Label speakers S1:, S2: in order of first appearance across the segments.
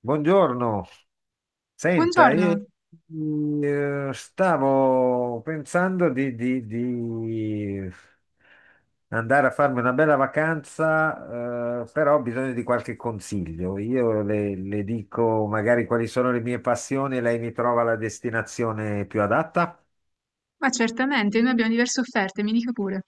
S1: Buongiorno, senta,
S2: Buongiorno!
S1: stavo pensando di andare a farmi una bella vacanza, però ho bisogno di qualche consiglio. Io le dico magari quali sono le mie passioni e lei mi trova la destinazione più adatta.
S2: Ma certamente, noi abbiamo diverse offerte, mi dica pure.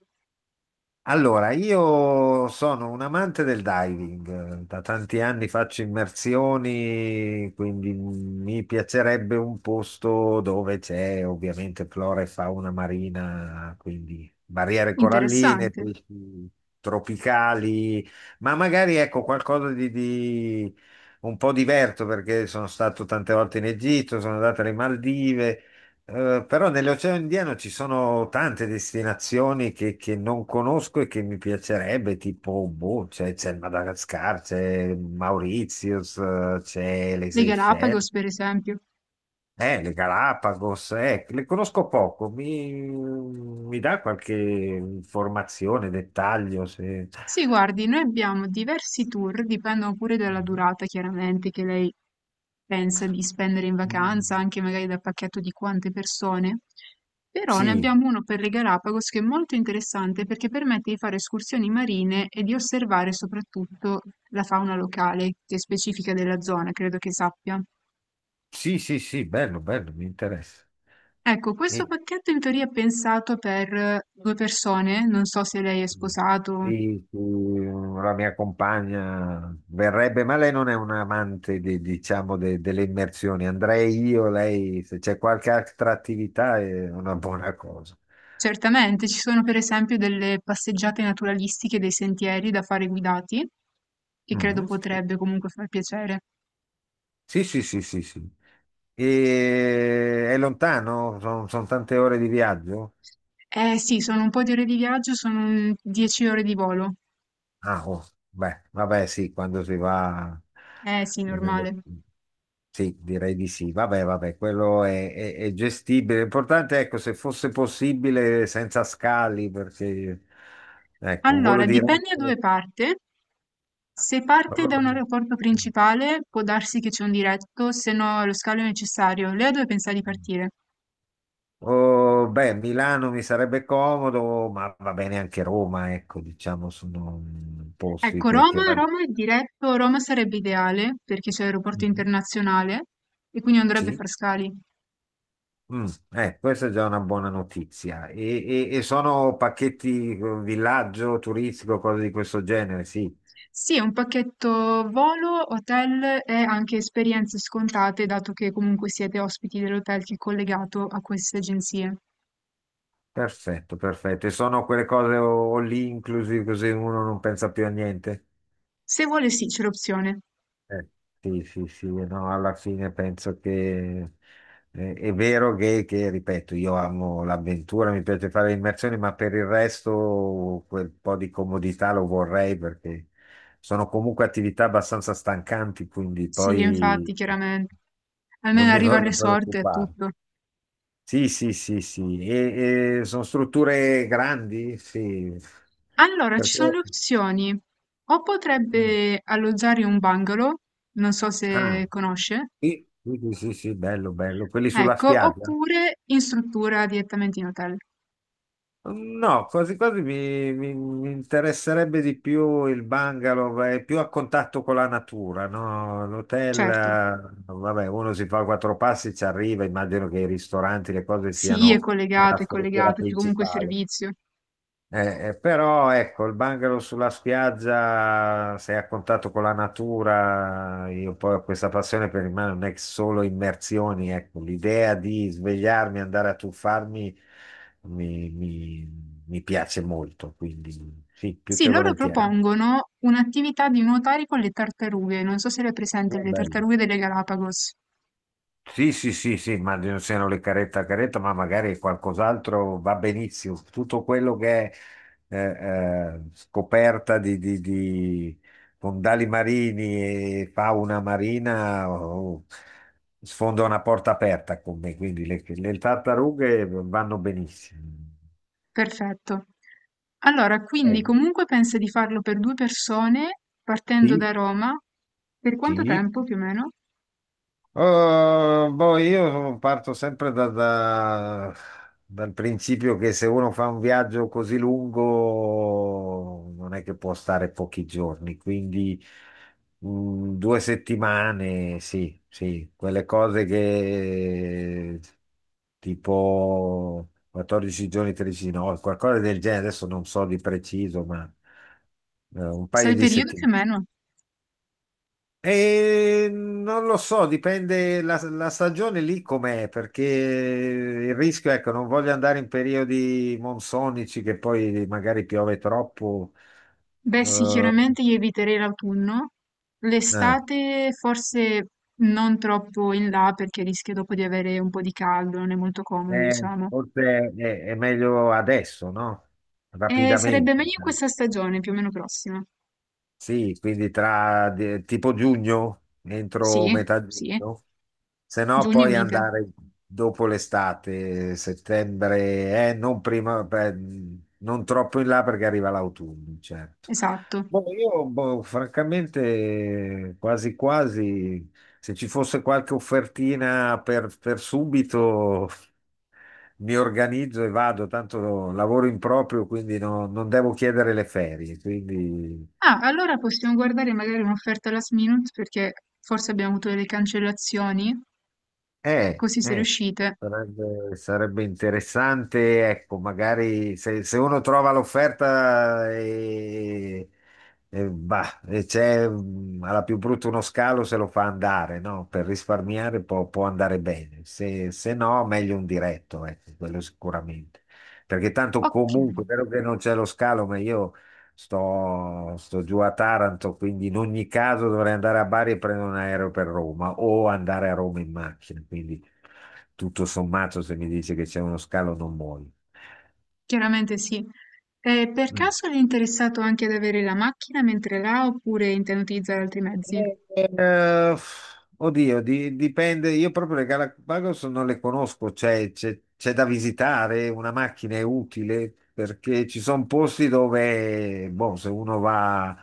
S1: Allora, io sono un amante del diving, da tanti anni faccio immersioni, quindi mi piacerebbe un posto dove c'è ovviamente flora e fauna marina, quindi barriere coralline,
S2: Interessante.
S1: pesci tropicali, ma magari ecco qualcosa di un po' diverso perché sono stato tante volte in Egitto, sono andato alle Maldive. Però nell'Oceano Indiano ci sono tante destinazioni che non conosco e che mi piacerebbe, tipo, boh, c'è il Madagascar, c'è Mauritius, c'è le
S2: Le
S1: Seychelles,
S2: Galapagos, per esempio.
S1: le Galapagos, le conosco poco. Mi dà qualche informazione, dettaglio?
S2: Sì, guardi, noi abbiamo diversi tour, dipendono pure dalla durata, chiaramente, che lei pensa di spendere in
S1: Mm.
S2: vacanza, anche magari dal pacchetto di quante persone. Però ne
S1: Sì,
S2: abbiamo uno per le Galapagos che è molto interessante perché permette di fare escursioni marine e di osservare soprattutto la fauna locale, che è specifica della zona, credo che sappia.
S1: sì, sì, sì, bello, bello, mi interessa.
S2: Ecco, questo pacchetto in teoria è pensato per due persone, non so se lei è sposato.
S1: Sì, sì, la mia compagna verrebbe, ma lei non è un amante, diciamo, delle immersioni. Andrei io, lei, se c'è qualche altra attività è una buona cosa.
S2: Certamente, ci sono per esempio delle passeggiate naturalistiche, dei sentieri da fare guidati, che credo
S1: Mhm.
S2: potrebbe comunque far piacere.
S1: Sì, sì, sì, sì, sì. E è lontano? Sono tante ore di viaggio?
S2: Eh sì, sono un po' di ore di viaggio, sono un 10 ore di volo.
S1: Ah, oh, beh, vabbè, sì, quando si va.
S2: Eh sì,
S1: Non è da-
S2: normale.
S1: Sì, direi di sì. Vabbè, vabbè, quello è gestibile. L'importante, ecco, se fosse possibile senza scali, perché ecco, un volo
S2: Allora, dipende da dove
S1: diretto.
S2: parte. Se parte da un
S1: Allora,
S2: aeroporto principale, può darsi che c'è un diretto, se no lo scalo è necessario. Lei a dove pensa di partire?
S1: oh, beh, Milano mi sarebbe comodo, ma va bene anche Roma, ecco, diciamo, sono posti
S2: Ecco,
S1: che, che...
S2: Roma,
S1: rag-
S2: Roma è diretto, Roma sarebbe ideale perché c'è l'aeroporto
S1: Mm.
S2: internazionale e quindi non dovrebbe
S1: Sì.
S2: far scali.
S1: Mm, Questa è già una buona notizia. E sono pacchetti villaggio turistico, cose di questo genere, sì.
S2: Sì, è un pacchetto volo, hotel e anche esperienze scontate, dato che comunque siete ospiti dell'hotel che è collegato a queste agenzie.
S1: Perfetto, perfetto. E sono quelle cose all inclusive così uno non pensa più a niente.
S2: Se vuole, sì, c'è l'opzione.
S1: Eh, sì, sì, sì, no, alla fine penso che è vero che, ripeto, io amo l'avventura, mi piace fare le immersioni, ma per il resto quel po' di comodità lo vorrei perché sono comunque attività abbastanza stancanti, quindi
S2: Sì, infatti,
S1: poi
S2: chiaramente.
S1: non
S2: Almeno
S1: mi
S2: arriva al
S1: voglio
S2: resort e è
S1: preoccupare.
S2: tutto.
S1: Sì, sì, sì, sì, e sono strutture grandi, sì,
S2: Allora, ci
S1: perché...
S2: sono le opzioni. O potrebbe alloggiare in un bungalow, non so se
S1: Ah,
S2: conosce.
S1: sì, sì, sì, sì, sì, bello, bello, quelli sulla
S2: Ecco,
S1: spiaggia?
S2: oppure in struttura direttamente in hotel.
S1: No, quasi quasi mi interesserebbe di più il bungalow, è più a contatto con la natura, no? L'hotel,
S2: Certo,
S1: vabbè, uno si fa quattro passi, ci arriva, immagino che i ristoranti, le cose
S2: sì,
S1: siano nella
S2: è
S1: struttura
S2: collegato, c'è comunque
S1: principale.
S2: servizio.
S1: Però ecco, il bungalow sulla spiaggia, sei a contatto con la natura, io poi ho questa passione per il mare, non è che solo immersioni, ecco, l'idea di svegliarmi, andare a tuffarmi mi piace molto, quindi sì, più
S2: Sì,
S1: che
S2: loro
S1: volentieri.
S2: propongono un'attività di nuotare con le tartarughe. Non so se le hai presente,
S1: Oh,
S2: le
S1: bello.
S2: tartarughe delle Galapagos.
S1: Sì, sì, sì, sì, ma non siano le caretta a caretta, ma magari qualcos'altro va benissimo. Tutto quello che è eh, scoperta di fondali marini e fauna marina sfonda una porta aperta con me, quindi le tartarughe vanno benissimo.
S2: Perfetto. Allora, quindi
S1: Eh,
S2: comunque pensa di farlo per due persone partendo
S1: sì,
S2: da Roma. Per quanto
S1: sì.
S2: tempo più o meno?
S1: Eh, Boh, io parto sempre dal principio che se uno fa un viaggio così lungo non è che può stare pochi giorni, quindi due settimane, sì, sì, quelle cose che tipo 14 giorni, 13 no, qualcosa del genere, adesso non so di preciso, ma un
S2: Sai
S1: paio
S2: il
S1: di
S2: periodo più
S1: settimane.
S2: o meno?
S1: E non lo so, dipende la stagione lì com'è, perché il rischio, ecco, non voglio andare in periodi monsonici che poi magari piove troppo.
S2: Beh, sì,
S1: Eh,
S2: chiaramente io eviterei l'autunno.
S1: eh,
S2: L'estate forse non troppo in là perché rischio dopo di avere un po' di caldo, non è molto comodo, diciamo.
S1: Forse è meglio adesso, no?
S2: E sarebbe
S1: Rapidamente.
S2: meglio in questa stagione, più o meno prossima.
S1: Sì, quindi tra tipo giugno, entro
S2: Sì,
S1: metà
S2: sì,
S1: giugno, se no
S2: giugno è
S1: poi
S2: mite.
S1: andare dopo l'estate, settembre, non prima, beh, non troppo in là perché arriva l'autunno, certo.
S2: Esatto.
S1: Boh, io boh, francamente quasi quasi, se ci fosse qualche offertina per subito mi organizzo e vado, tanto lavoro in proprio, quindi non devo chiedere le ferie, quindi.
S2: Ah, allora possiamo guardare magari un'offerta last minute perché forse abbiamo avuto delle cancellazioni,
S1: Eh,
S2: così se
S1: eh,
S2: riuscite.
S1: sarebbe interessante, ecco, magari se uno trova l'offerta e, bah, e c'è alla più brutta uno scalo, se lo fa andare, no? Per risparmiare può andare bene, se no meglio un diretto, ecco, quello sicuramente. Perché tanto
S2: Ok.
S1: comunque, è vero che non c'è lo scalo, ma io sto giù a Taranto, quindi in ogni caso dovrei andare a Bari e prendere un aereo per Roma o andare a Roma in macchina. Quindi tutto sommato, se mi dice che c'è uno scalo, non muoio.
S2: Chiaramente sì. E per
S1: Mm.
S2: caso eri interessato anche ad avere la macchina mentre là oppure intendi utilizzare altri mezzi?
S1: Eh, Oddio, dipende. Io proprio le Galapagos non le conosco, cioè c'è da visitare, una macchina è utile perché ci sono posti dove, boh, se uno va,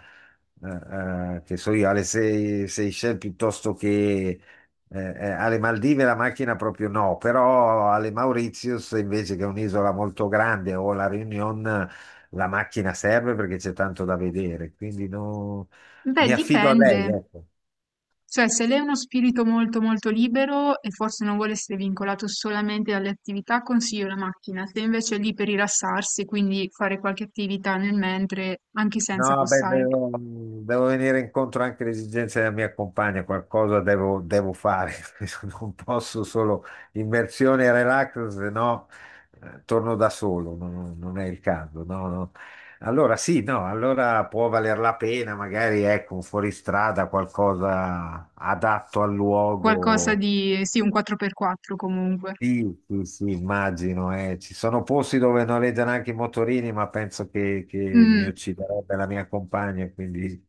S1: che so io, alle Seychelles piuttosto che alle Maldive la macchina proprio no, però alle Mauritius invece che è un'isola molto grande o la Réunion la macchina serve perché c'è tanto da vedere, quindi
S2: Beh,
S1: mi affido a
S2: dipende.
S1: lei, ecco.
S2: Cioè, se lei è uno spirito molto molto libero e forse non vuole essere vincolato solamente dalle attività, consiglio la macchina. Se invece è lì per rilassarsi, quindi fare qualche attività nel mentre, anche senza
S1: No, beh,
S2: costare.
S1: devo, devo, venire incontro anche alle esigenze della mia compagna, qualcosa devo fare, non posso solo immersione e relax, se no torno da solo, non è il caso. No, no. Allora sì, no, allora può valer la pena, magari ecco, un fuoristrada, qualcosa adatto al
S2: Qualcosa
S1: luogo.
S2: di, sì, un 4x4 comunque.
S1: Sì, sì, sì, immagino, eh. Ci sono posti dove noleggiano anche i motorini, ma penso che mi
S2: Mm.
S1: ucciderebbe la mia compagna, quindi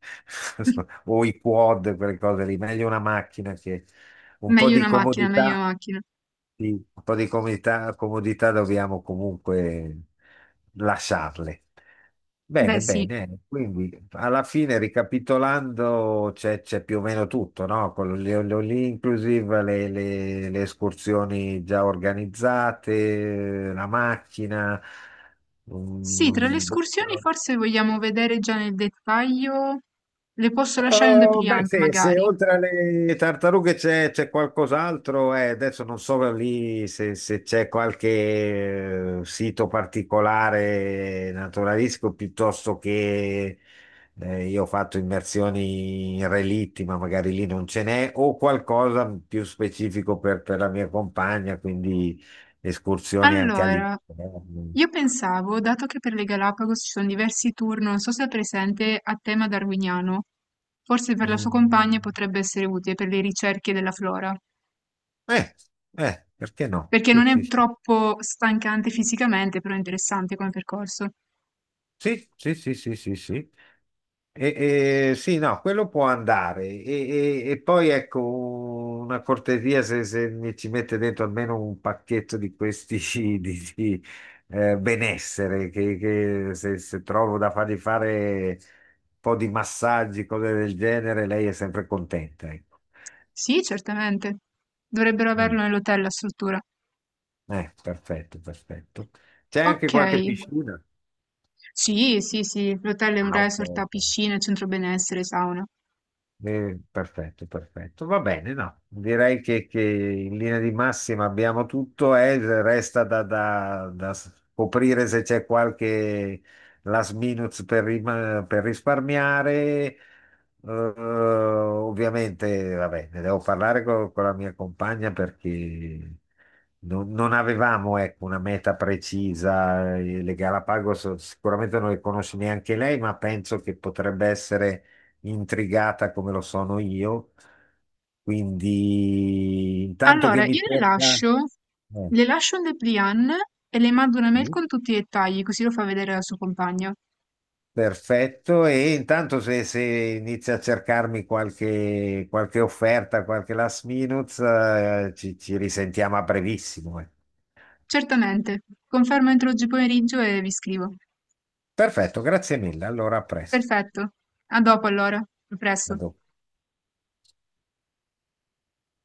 S1: o i quad, quelle cose lì, meglio una macchina che un po'
S2: Meglio
S1: di
S2: una macchina, meglio
S1: comodità,
S2: una macchina.
S1: sì, un po' di comodità, comodità dobbiamo comunque lasciarle.
S2: Beh,
S1: Bene,
S2: sì.
S1: bene, quindi alla fine ricapitolando c'è più o meno tutto, no? Con lì inclusive le escursioni già organizzate, la macchina,
S2: Sì, tra le
S1: boh,
S2: escursioni forse vogliamo vedere già nel dettaglio. Le posso lasciare un
S1: Beh,
S2: depliant,
S1: se
S2: magari.
S1: oltre alle tartarughe c'è qualcos'altro, adesso non so lì se c'è qualche sito particolare naturalistico piuttosto che io ho fatto immersioni in relitti, ma magari lì non ce n'è, o qualcosa più specifico per la mia compagna, quindi escursioni anche
S2: Allora,
S1: all'interno.
S2: io pensavo, dato che per le Galapagos ci sono diversi tour, non so se è presente a tema darwiniano, forse per la sua compagna
S1: Mm.
S2: potrebbe essere utile per le ricerche della flora,
S1: Eh, Perché no?
S2: perché
S1: Sì,
S2: non è
S1: sì,
S2: troppo stancante fisicamente, però è interessante come percorso.
S1: sì, sì, sì, sì, sì, sì. Sì. Sì, no, quello può andare. E poi ecco una cortesia se mi ci mette dentro almeno un pacchetto di questi di, benessere, che se trovo da fargli fare un po' di massaggi, cose del genere, lei è sempre contenta. Ecco.
S2: Sì, certamente. Dovrebbero
S1: Mm.
S2: averlo nell'hotel la struttura.
S1: Perfetto, perfetto. C'è anche
S2: Ok.
S1: qualche piscina?
S2: Sì, sì, sì, l'hotel è un
S1: Ah, ok.
S2: resort a
S1: Ok.
S2: piscina, centro benessere, sauna.
S1: Perfetto, perfetto. Va bene, no. Direi che in linea di massima abbiamo tutto e resta da scoprire se c'è qualche last minute per risparmiare. Ovviamente, vabbè, ne devo parlare con la mia compagna perché non avevamo, ecco, una meta precisa. Le Galapagos sicuramente non le conosce neanche lei, ma penso che potrebbe essere intrigata come lo sono io. Quindi intanto che
S2: Allora, io
S1: mi cerca. eh,
S2: le lascio un dépliant e le mando una mail
S1: mm,
S2: con tutti i dettagli, così lo fa vedere al suo compagno.
S1: Perfetto, e intanto se inizia a cercarmi qualche, offerta, qualche last minute, ci risentiamo a brevissimo. Eh.
S2: Certamente, confermo entro oggi pomeriggio e vi scrivo.
S1: Perfetto, grazie mille. Allora, a presto.
S2: Perfetto, a dopo allora, a
S1: A
S2: presto.
S1: dopo.